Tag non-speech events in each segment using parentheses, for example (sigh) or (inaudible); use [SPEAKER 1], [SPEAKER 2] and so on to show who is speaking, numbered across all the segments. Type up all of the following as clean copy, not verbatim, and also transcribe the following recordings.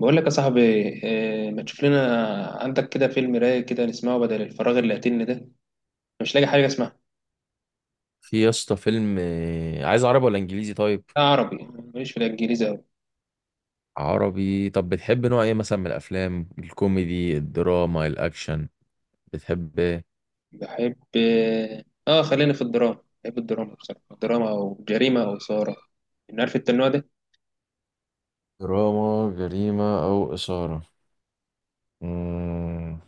[SPEAKER 1] بقول لك يا صاحبي، إيه ما تشوف لنا عندك كده فيلم رايق كده نسمعه بدل الفراغ اللي قاتلني ده. أنا مش لاقي حاجه اسمعها.
[SPEAKER 2] في يا اسطى فيلم عايز عربي ولا انجليزي طيب؟
[SPEAKER 1] لا عربي، ماليش في الانجليزي قوي.
[SPEAKER 2] عربي. طب بتحب نوع ايه مثلا من الافلام؟ الكوميدي، الدراما، الاكشن؟ بتحب ايه؟
[SPEAKER 1] بحب خلينا في الدراما، بحب الدراما بصراحه، الدراما او جريمه او اثاره. إن عارف انت النوع ده؟
[SPEAKER 2] دراما جريمة او اثارة. مم.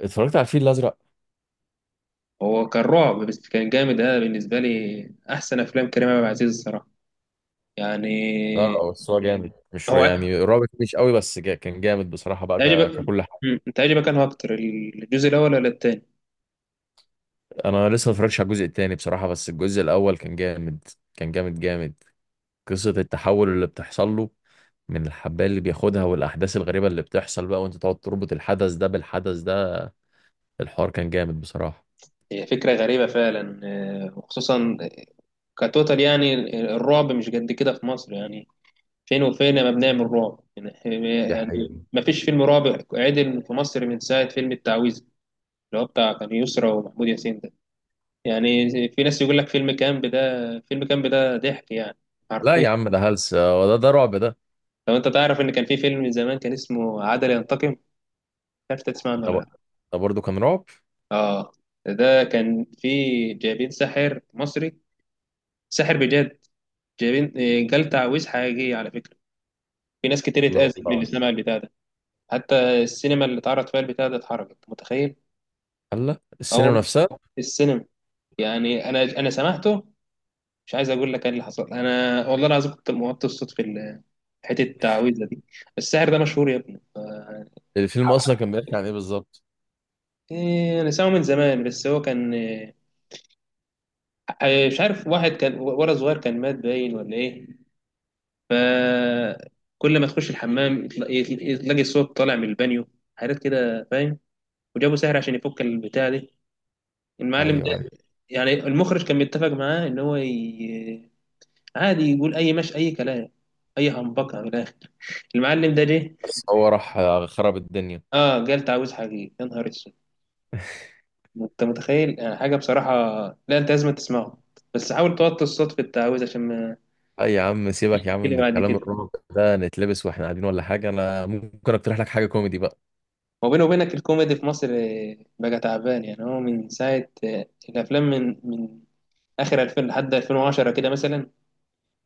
[SPEAKER 2] اتفرجت على الفيل الازرق؟
[SPEAKER 1] هو كان رعب بس كان جامد ده بالنسبه لي، احسن افلام كريم عبد العزيز الصراحه يعني.
[SPEAKER 2] لا، بس هو جامد. مش
[SPEAKER 1] هو
[SPEAKER 2] يعني رابط مش قوي، بس جا كان جامد بصراحة بقى
[SPEAKER 1] عجبك؟
[SPEAKER 2] ككل حاجة.
[SPEAKER 1] انت عجبك انه اكتر الجزء الاول ولا التاني؟
[SPEAKER 2] انا لسه ما اتفرجتش على الجزء التاني بصراحة، بس الجزء الاول كان جامد. كان جامد جامد. قصة التحول اللي بتحصل له من الحبايه اللي بياخدها، والاحداث الغريبه اللي بتحصل بقى، وانت تقعد تربط الحدث ده بالحدث ده، الحوار كان جامد بصراحه.
[SPEAKER 1] هي فكرة غريبة فعلا، وخصوصا كتوتال يعني، الرعب مش قد كده في مصر يعني، فين وفين ما بنعمل رعب يعني.
[SPEAKER 2] دي حقيقة.
[SPEAKER 1] يعني ما فيش فيلم رعب عدل في مصر من ساعة فيلم التعويذة، اللي هو بتاع كان يسرا ومحمود ياسين ده. يعني في ناس يقول لك فيلم كامب ده، فيلم كامب ده ضحك يعني،
[SPEAKER 2] لا
[SPEAKER 1] حرفيا.
[SPEAKER 2] يا عم، ده هلس. هو ده رعب ده؟
[SPEAKER 1] لو انت تعرف ان كان في فيلم من زمان كان اسمه عدل ينتقم، مش عارف إنت تسمع عنه ولا
[SPEAKER 2] ده
[SPEAKER 1] لا.
[SPEAKER 2] ده برضه كان رعب.
[SPEAKER 1] اه ده كان في، جايبين ساحر مصري، ساحر بجد، جايبين جال تعويذ حقيقي على فكرة. في ناس كتير
[SPEAKER 2] لا
[SPEAKER 1] اتأذت من اللي
[SPEAKER 2] والله.
[SPEAKER 1] سمع البتاع ده، حتى السينما اللي اتعرض فيها البتاع ده اتحرقت، متخيل؟
[SPEAKER 2] هلا
[SPEAKER 1] اه
[SPEAKER 2] السينما
[SPEAKER 1] والله،
[SPEAKER 2] نفسها؟
[SPEAKER 1] في السينما. يعني انا سمعته، مش عايز اقول لك ايه اللي حصل، انا والله العظيم كنت موطي الصوت في حتة التعويذة دي. السحر ده مشهور يا ابني،
[SPEAKER 2] الفيلم اصلا كان بيحكي عن ايه بالظبط؟
[SPEAKER 1] إيه، أنا سامعه من زمان بس هو كان إيه، مش عارف، واحد كان ولد صغير كان مات باين ولا إيه، فكل ما تخش الحمام تلاقي صوت طالع من البانيو، حاجات كده فاهم. وجابه سهر عشان يفك البتاع دي، المعلم ده.
[SPEAKER 2] ايوه، ايوه.
[SPEAKER 1] يعني المخرج كان متفق معاه ان هو عادي يقول اي، مش اي كلام، اي همبكه من الاخر، المعلم ده جه.
[SPEAKER 2] بس هو راح خرب الدنيا.
[SPEAKER 1] اه قال تعويذ حقيقي، يا نهار اسود، انت متخيل يعني حاجه بصراحه. لا انت لازم تسمعه، بس حاول توطي الصوت في التعويذ عشان ما
[SPEAKER 2] اي يا عم، سيبك يا عم
[SPEAKER 1] تشتكي لي
[SPEAKER 2] من
[SPEAKER 1] بعد
[SPEAKER 2] الكلام
[SPEAKER 1] كده.
[SPEAKER 2] الرعب ده. نتلبس واحنا قاعدين ولا حاجه؟ انا ممكن اقترح لك حاجه كوميدي بقى.
[SPEAKER 1] وبيني وبينك، الكوميدي في مصر بقى تعبان يعني، هو من ساعه الافلام من اخر 2000 لحد 2010 كده مثلا،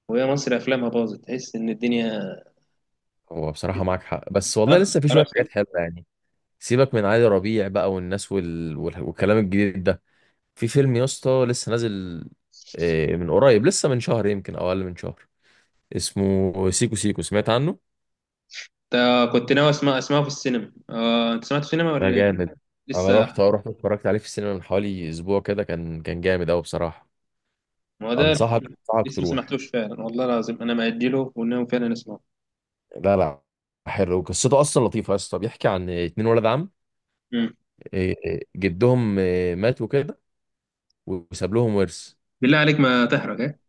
[SPEAKER 1] وهي مصر افلامها باظت تحس ان الدنيا.
[SPEAKER 2] هو بصراحه معاك حق، بس والله
[SPEAKER 1] ها،
[SPEAKER 2] لسه في شويه
[SPEAKER 1] خلاص
[SPEAKER 2] حاجات
[SPEAKER 1] انت.
[SPEAKER 2] حلوه يعني. سيبك من علي ربيع بقى والناس والكلام الجديد ده. في فيلم يا اسطى لسه نازل من قريب، لسه من شهر يمكن او اقل من شهر. اسمه سيكو سيكو، سمعت عنه؟
[SPEAKER 1] كنت ناوي اسمع اسمعه في السينما، انت سمعته في السينما
[SPEAKER 2] ده
[SPEAKER 1] ولا ايه؟
[SPEAKER 2] جامد. انا
[SPEAKER 1] لسه
[SPEAKER 2] رحت اتفرجت عليه في السينما من حوالي اسبوع كده، كان جامد قوي بصراحه.
[SPEAKER 1] ما، هو ده
[SPEAKER 2] انصحك
[SPEAKER 1] الفيلم.
[SPEAKER 2] انصحك
[SPEAKER 1] لسه ما
[SPEAKER 2] تروح.
[SPEAKER 1] سمعتوش فعلا، والله العظيم انا مأجله وناوي فعلا اسمعه.
[SPEAKER 2] لا لا. حلو، قصته اصلا لطيفه يا اسطى. بيحكي عن اتنين ولد عم.
[SPEAKER 1] مم.
[SPEAKER 2] جدهم مات وكده، وساب لهم ورث.
[SPEAKER 1] بالله عليك ما تحرق ايه،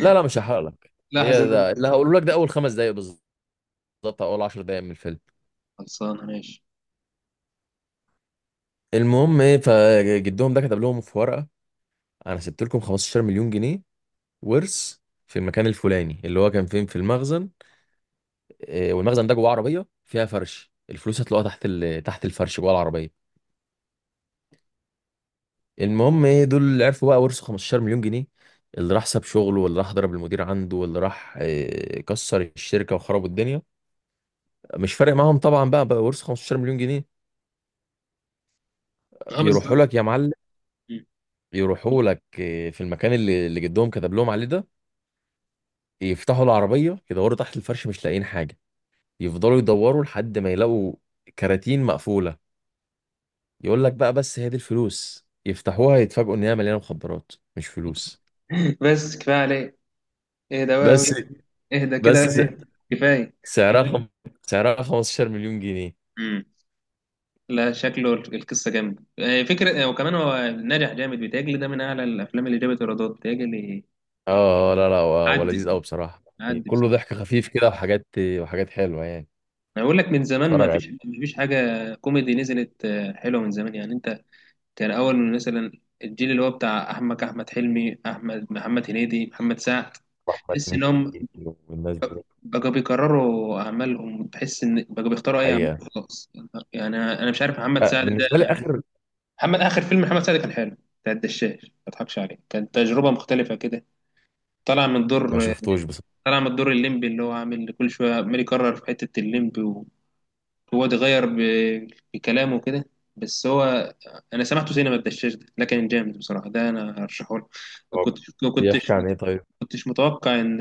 [SPEAKER 2] لا لا، مش هحرق لك.
[SPEAKER 1] لاحظ
[SPEAKER 2] هي
[SPEAKER 1] ان انا
[SPEAKER 2] ده اللي
[SPEAKER 1] لسه.
[SPEAKER 2] هقوله لك، ده اول 5 دقايق بالظبط. بالظبط اول 10 دقايق من الفيلم.
[SPEAKER 1] خلصان، ماشي.
[SPEAKER 2] المهم ايه، فجدهم ده كتب لهم في ورقه: انا سبت لكم 15 مليون جنيه ورث في المكان الفلاني اللي هو كان فين في المخزن. والمخزن ده جواه عربيه فيها فرش، الفلوس هتلاقوها تحت تحت الفرش جوه العربيه. المهم ايه، دول اللي عرفوا بقى ورثوا 15 مليون جنيه، اللي راح ساب شغله، واللي راح ضرب المدير عنده، واللي راح كسر الشركه وخرب الدنيا. مش فارق معاهم طبعا بقى، ورثوا 15 مليون جنيه.
[SPEAKER 1] اه
[SPEAKER 2] يروحوا
[SPEAKER 1] بالظبط.
[SPEAKER 2] لك يا معلم،
[SPEAKER 1] مم.
[SPEAKER 2] يروحوا لك في المكان اللي جدهم كتب لهم عليه ده. يفتحوا العربية، يدوروا تحت الفرش، مش لاقيين حاجة. يفضلوا يدوروا لحد ما يلاقوا كراتين مقفولة. يقول لك بقى بس هي دي الفلوس، يفتحوها يتفاجئوا ان هي مليانة مخدرات مش فلوس.
[SPEAKER 1] (laughs) بس كفايه عليك، اهدى بقى
[SPEAKER 2] بس
[SPEAKER 1] أوي. اهدى
[SPEAKER 2] بس
[SPEAKER 1] كده بقى،
[SPEAKER 2] (laughs)
[SPEAKER 1] إيه. كفايه.
[SPEAKER 2] سعرها خم... سعرها 15 مليون جنيه.
[SPEAKER 1] مم. لا شكله القصه جامده، فكره، وكمان هو ناجح جامد بيتهيألي، ده من اعلى الافلام اللي جابت ايرادات بيتهيألي.
[SPEAKER 2] لا لا، هو
[SPEAKER 1] عدي،
[SPEAKER 2] لذيذ قوي بصراحة. يعني
[SPEAKER 1] عدي
[SPEAKER 2] كله
[SPEAKER 1] بصراحه.
[SPEAKER 2] ضحك خفيف كده وحاجات، حلوة يعني.
[SPEAKER 1] انا بقول لك من زمان ما
[SPEAKER 2] اتفرج
[SPEAKER 1] فيش
[SPEAKER 2] عليه.
[SPEAKER 1] ما فيش حاجه كوميدي نزلت، حلوه من زمان يعني انت. كان اول من مثلا الجيل اللي هو بتاع احمد حلمي، احمد، محمد هنيدي، محمد سعد،
[SPEAKER 2] واحمد
[SPEAKER 1] تحس انهم
[SPEAKER 2] مكي والناس دي.
[SPEAKER 1] بقوا بيكرروا اعمالهم، تحس ان بقوا بيختاروا اي اعمال،
[SPEAKER 2] حقيقة.
[SPEAKER 1] خلاص. يعني انا مش عارف محمد سعد
[SPEAKER 2] بالنسبة لي
[SPEAKER 1] ده.
[SPEAKER 2] آخر.
[SPEAKER 1] محمد، اخر فيلم محمد سعد كان حلو، بتاع الدشاش، ما اضحكش عليك كانت تجربه مختلفه كده، طلع من
[SPEAKER 2] ما
[SPEAKER 1] دور،
[SPEAKER 2] شفتوش بصراحة.
[SPEAKER 1] طلع من دور الليمبي اللي هو عامل كل شويه عمال يكرر في حته الليمبي، هو اتغير بكلامه كده. بس هو، انا سمعته سينما الدشاش ده، ده كان جامد بصراحه، ده انا هرشحه لك. كنت كنتش
[SPEAKER 2] بيحكي عن ايه طيب؟
[SPEAKER 1] كنتش متوقع ان،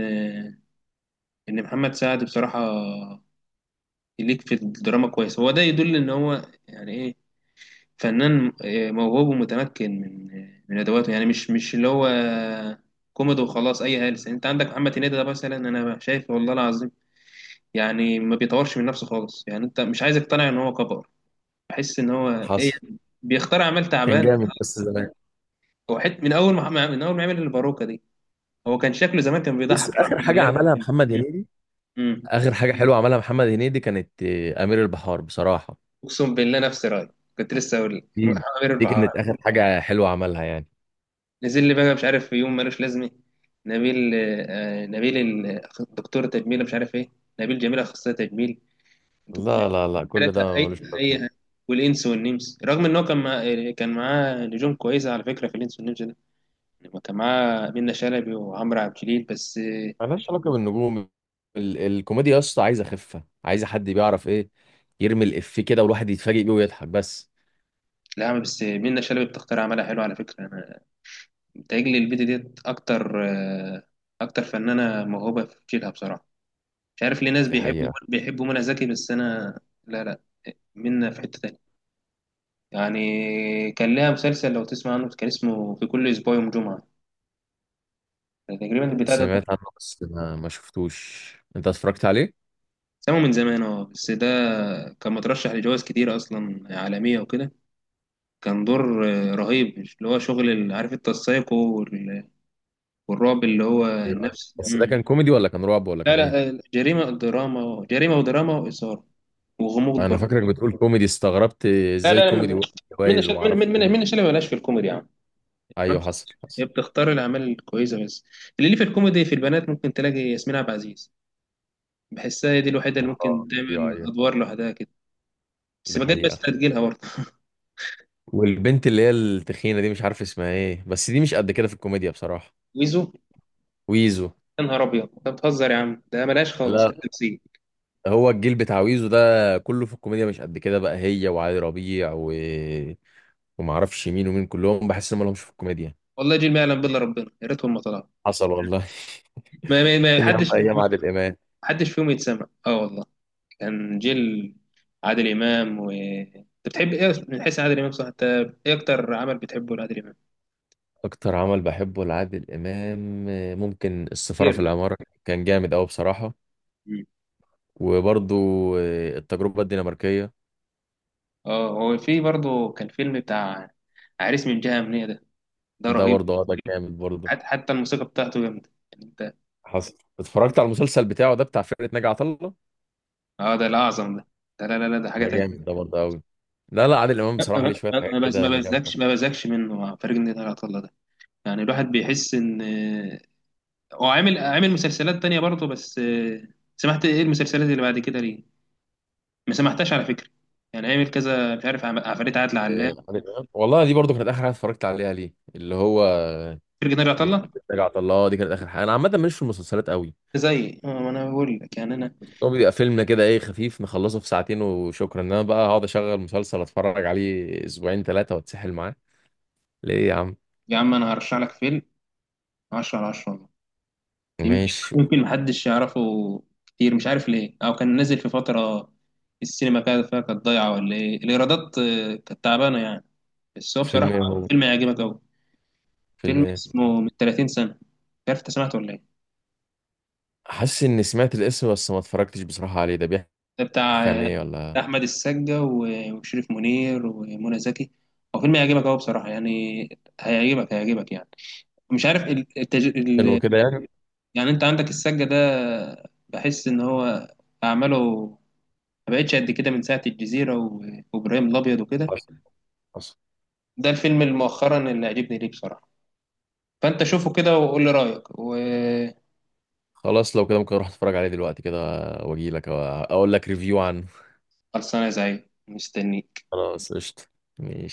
[SPEAKER 1] ان محمد سعد بصراحه يليك في الدراما كويس، هو ده يدل ان هو يعني ايه، فنان، موهوب ومتمكن من من ادواته، يعني مش اللي هو كوميدي وخلاص، اي هلس. انت عندك محمد هنيدي ده مثلا، انا شايف والله العظيم يعني ما بيطورش من نفسه خالص، يعني انت مش عايز اقتنع ان هو كبر، بحس ان هو، ايه،
[SPEAKER 2] حصل.
[SPEAKER 1] بيختار اعمال
[SPEAKER 2] كان
[SPEAKER 1] تعبانه
[SPEAKER 2] جامد بس
[SPEAKER 1] خالص.
[SPEAKER 2] زمان.
[SPEAKER 1] هو حت، من اول ما عمل الباروكه دي، هو كان شكله زمان كان
[SPEAKER 2] بص،
[SPEAKER 1] بيضحك
[SPEAKER 2] اخر
[SPEAKER 1] لوحده من
[SPEAKER 2] حاجه
[SPEAKER 1] غير ما
[SPEAKER 2] عملها
[SPEAKER 1] يتكلم.
[SPEAKER 2] محمد هنيدي،
[SPEAKER 1] امم
[SPEAKER 2] اخر حاجه حلوه عملها محمد هنيدي كانت امير البحار بصراحه.
[SPEAKER 1] اقسم بالله نفس رايي، كنت لسه اقول لك
[SPEAKER 2] دي
[SPEAKER 1] عامر
[SPEAKER 2] دي
[SPEAKER 1] البحار.
[SPEAKER 2] كانت اخر حاجه حلوه عملها يعني.
[SPEAKER 1] نزل لي بقى مش عارف في يوم ملوش لازمه، نبيل، نبيل دكتور تجميل مش عارف ايه، نبيل جميل اخصائي تجميل، دك-
[SPEAKER 2] لا لا لا، كل ده
[SPEAKER 1] حالتها اي
[SPEAKER 2] ملوش لازمه.
[SPEAKER 1] اي. والانس والنمس، رغم ان هو كان كان معاه نجوم كويسه على فكره في الانس والنمس ده، يعني كان معاه منة شلبي وعمرو عبد الجليل بس.
[SPEAKER 2] ملهاش علاقه بالنجوم. ال الكوميديا يا اسطى عايزه خفه، عايزه حد بيعرف ايه، يرمي الافيه كده والواحد يتفاجئ بيه ويضحك بس.
[SPEAKER 1] لا يا عم، بس منة شلبي بتختار اعمالها حلو على فكره، انا بتهيألي البيضه ديت اكتر، اكتر فنانه موهوبه في جيلها بصراحه. مش عارف ليه ناس
[SPEAKER 2] دي
[SPEAKER 1] بيحبوا
[SPEAKER 2] حقيقه.
[SPEAKER 1] بيحبوا منى زكي، بس انا لا لا، منة في حته تانية، يعني كان لها مسلسل لو تسمع عنه كان اسمه في كل اسبوع يوم جمعه تقريبا، البتاع ده
[SPEAKER 2] سمعت عنه بس ما شفتوش. انت اتفرجت عليه؟
[SPEAKER 1] سمعه من زمان اه، بس ده كان مترشح لجوائز كتير اصلا عالميه وكده، كان دور، رهيب اللي هو شغل عارف التسايق والرعب اللي هو
[SPEAKER 2] إيه رأيك؟
[SPEAKER 1] النفس.
[SPEAKER 2] بس ده كان كوميدي ولا كان رعب ولا
[SPEAKER 1] لا
[SPEAKER 2] كان ايه؟
[SPEAKER 1] لا، جريمة دراما، جريمة ودراما وإثارة وغموض
[SPEAKER 2] انا
[SPEAKER 1] برضه.
[SPEAKER 2] فاكرك بتقول كوميدي، استغربت
[SPEAKER 1] لا
[SPEAKER 2] ازاي
[SPEAKER 1] لا لا،
[SPEAKER 2] كوميدي.
[SPEAKER 1] من
[SPEAKER 2] وجايز وما اعرفش.
[SPEAKER 1] من اللي مالهاش في الكوميدي يا عم،
[SPEAKER 2] ايوه، حصل
[SPEAKER 1] هي
[SPEAKER 2] حصل.
[SPEAKER 1] بتختار الأعمال الكويسة بس. اللي ليه في الكوميدي في البنات ممكن تلاقي ياسمين عبد العزيز، بحسها هي دي الوحيدة اللي ممكن
[SPEAKER 2] ايوه
[SPEAKER 1] تعمل
[SPEAKER 2] ايوه.
[SPEAKER 1] أدوار لوحدها كده، بس
[SPEAKER 2] ده
[SPEAKER 1] بجد بس
[SPEAKER 2] حقيقة.
[SPEAKER 1] تجيلها برضه.
[SPEAKER 2] والبنت اللي هي التخينة دي مش عارف اسمها ايه، بس دي مش قد كده في الكوميديا بصراحة.
[SPEAKER 1] ويزو؟
[SPEAKER 2] ويزو.
[SPEAKER 1] يا نهار أبيض، أنت بتهزر يا عم، ده مالهاش خالص في
[SPEAKER 2] لا.
[SPEAKER 1] التمثيل.
[SPEAKER 2] هو الجيل بتاع ويزو ده كله في الكوميديا مش قد كده بقى، هي وعلي ربيع وما اعرفش مين ومين، كلهم بحس ان ما لهمش في الكوميديا.
[SPEAKER 1] والله جيل ما يعلم بالله، ربنا يا ريتهم ما طلعوا،
[SPEAKER 2] حصل والله (laughs)
[SPEAKER 1] ما ما ما
[SPEAKER 2] فين يا عم
[SPEAKER 1] حدش
[SPEAKER 2] ايام
[SPEAKER 1] ما
[SPEAKER 2] عادل امام؟
[SPEAKER 1] حدش فيهم يتسمع، اه والله. كان جيل عادل إمام. و أنت بتحب إيه من حيث عادل إمام؟ صح أنت، إيه أكتر عمل بتحبه لعادل إمام؟
[SPEAKER 2] اكتر عمل بحبه لعادل امام ممكن السفارة
[SPEAKER 1] كتير
[SPEAKER 2] في
[SPEAKER 1] ده.
[SPEAKER 2] العمارة. كان جامد قوي بصراحة.
[SPEAKER 1] مم.
[SPEAKER 2] وبرضو التجربة الدنماركية.
[SPEAKER 1] اه هو في برضه كان فيلم بتاع عريس من جهة أمنية ده، ده
[SPEAKER 2] ده
[SPEAKER 1] رهيب،
[SPEAKER 2] برضه، ده جامد برضه.
[SPEAKER 1] حتى الموسيقى بتاعته جامدة يعني أنت.
[SPEAKER 2] حصل. اتفرجت على المسلسل بتاعه ده بتاع فرقة ناجي عطا الله؟
[SPEAKER 1] اه ده الأعظم ده، ده لا لا لا ده حاجة
[SPEAKER 2] ده
[SPEAKER 1] تانية.
[SPEAKER 2] جامد، ده برضه قوي. لا لا، عادل امام بصراحة ليه شوية حاجات كده جامدة.
[SPEAKER 1] ما بزكش منه، مع فريق النادي العطلة ده، يعني الواحد بيحس إن، هو عامل مسلسلات تانية برضه بس، سمعت إيه المسلسلات اللي بعد كده ليه؟ ما سمحتهاش على فكره، يعني عامل كذا مش عارف، عفاريت عادل علام،
[SPEAKER 2] عادل امام والله، دي برضه كانت اخر حاجة اتفرجت عليها ليه، اللي هو
[SPEAKER 1] فرقة ناجي عطا
[SPEAKER 2] بتاع
[SPEAKER 1] الله.
[SPEAKER 2] فرقة ناجي عطا الله. دي كانت اخر حاجة. انا عامة ماليش في المسلسلات قوي.
[SPEAKER 1] زي ما انا بقول لك، يعني انا،
[SPEAKER 2] هو بيبقى فيلمنا كده ايه، خفيف، نخلصه في ساعتين وشكرا، انما بقى هقعد اشغل مسلسل اتفرج عليه اسبوعين 3 واتسحل معاه ليه يا عم؟
[SPEAKER 1] يا عم انا هرشح لك فيلم 10 على 10 والله. يمكن،
[SPEAKER 2] ماشي.
[SPEAKER 1] محدش يعرفه كتير مش عارف ليه، او كان نازل في فتره السينما كانت فيها كانت ضايعه ولا ايه، الايرادات كانت تعبانه يعني، بس هو بصراحه
[SPEAKER 2] فيلم ايه هو؟
[SPEAKER 1] فيلم هيعجبك قوي.
[SPEAKER 2] فيلم
[SPEAKER 1] فيلم
[SPEAKER 2] ايه؟
[SPEAKER 1] اسمه من 30 سنه، مش عارف انت سمعته ولا ايه.
[SPEAKER 2] حاسس اني سمعت الاسم، بس ما اتفرجتش بصراحة عليه. ده بيحكي،
[SPEAKER 1] ده
[SPEAKER 2] بيحكي
[SPEAKER 1] بتاع،
[SPEAKER 2] عن ايه ولا
[SPEAKER 1] بتاع احمد السقا وشريف منير ومنى زكي. هو فيلم هيعجبك قوي بصراحه يعني، هيعجبك يعني. مش عارف
[SPEAKER 2] انه كده يعني؟
[SPEAKER 1] يعني انت عندك السقا ده، بحس ان هو اعماله ما بقتش قد كده من ساعه وابراهيم الابيض وكده.
[SPEAKER 2] خلاص، خلاص.
[SPEAKER 1] ده الفيلم اللي مؤخرا اللي عجبني ليه بصراحه، فانت شوفه كده وقول لي رايك وخلصانه.
[SPEAKER 2] خلاص، لو كده ممكن اروح اتفرج عليه دلوقتي كده، واجي لك اقول لك ريفيو عنه.
[SPEAKER 1] يا زعيم مستنيك.
[SPEAKER 2] خلاص، قشطة.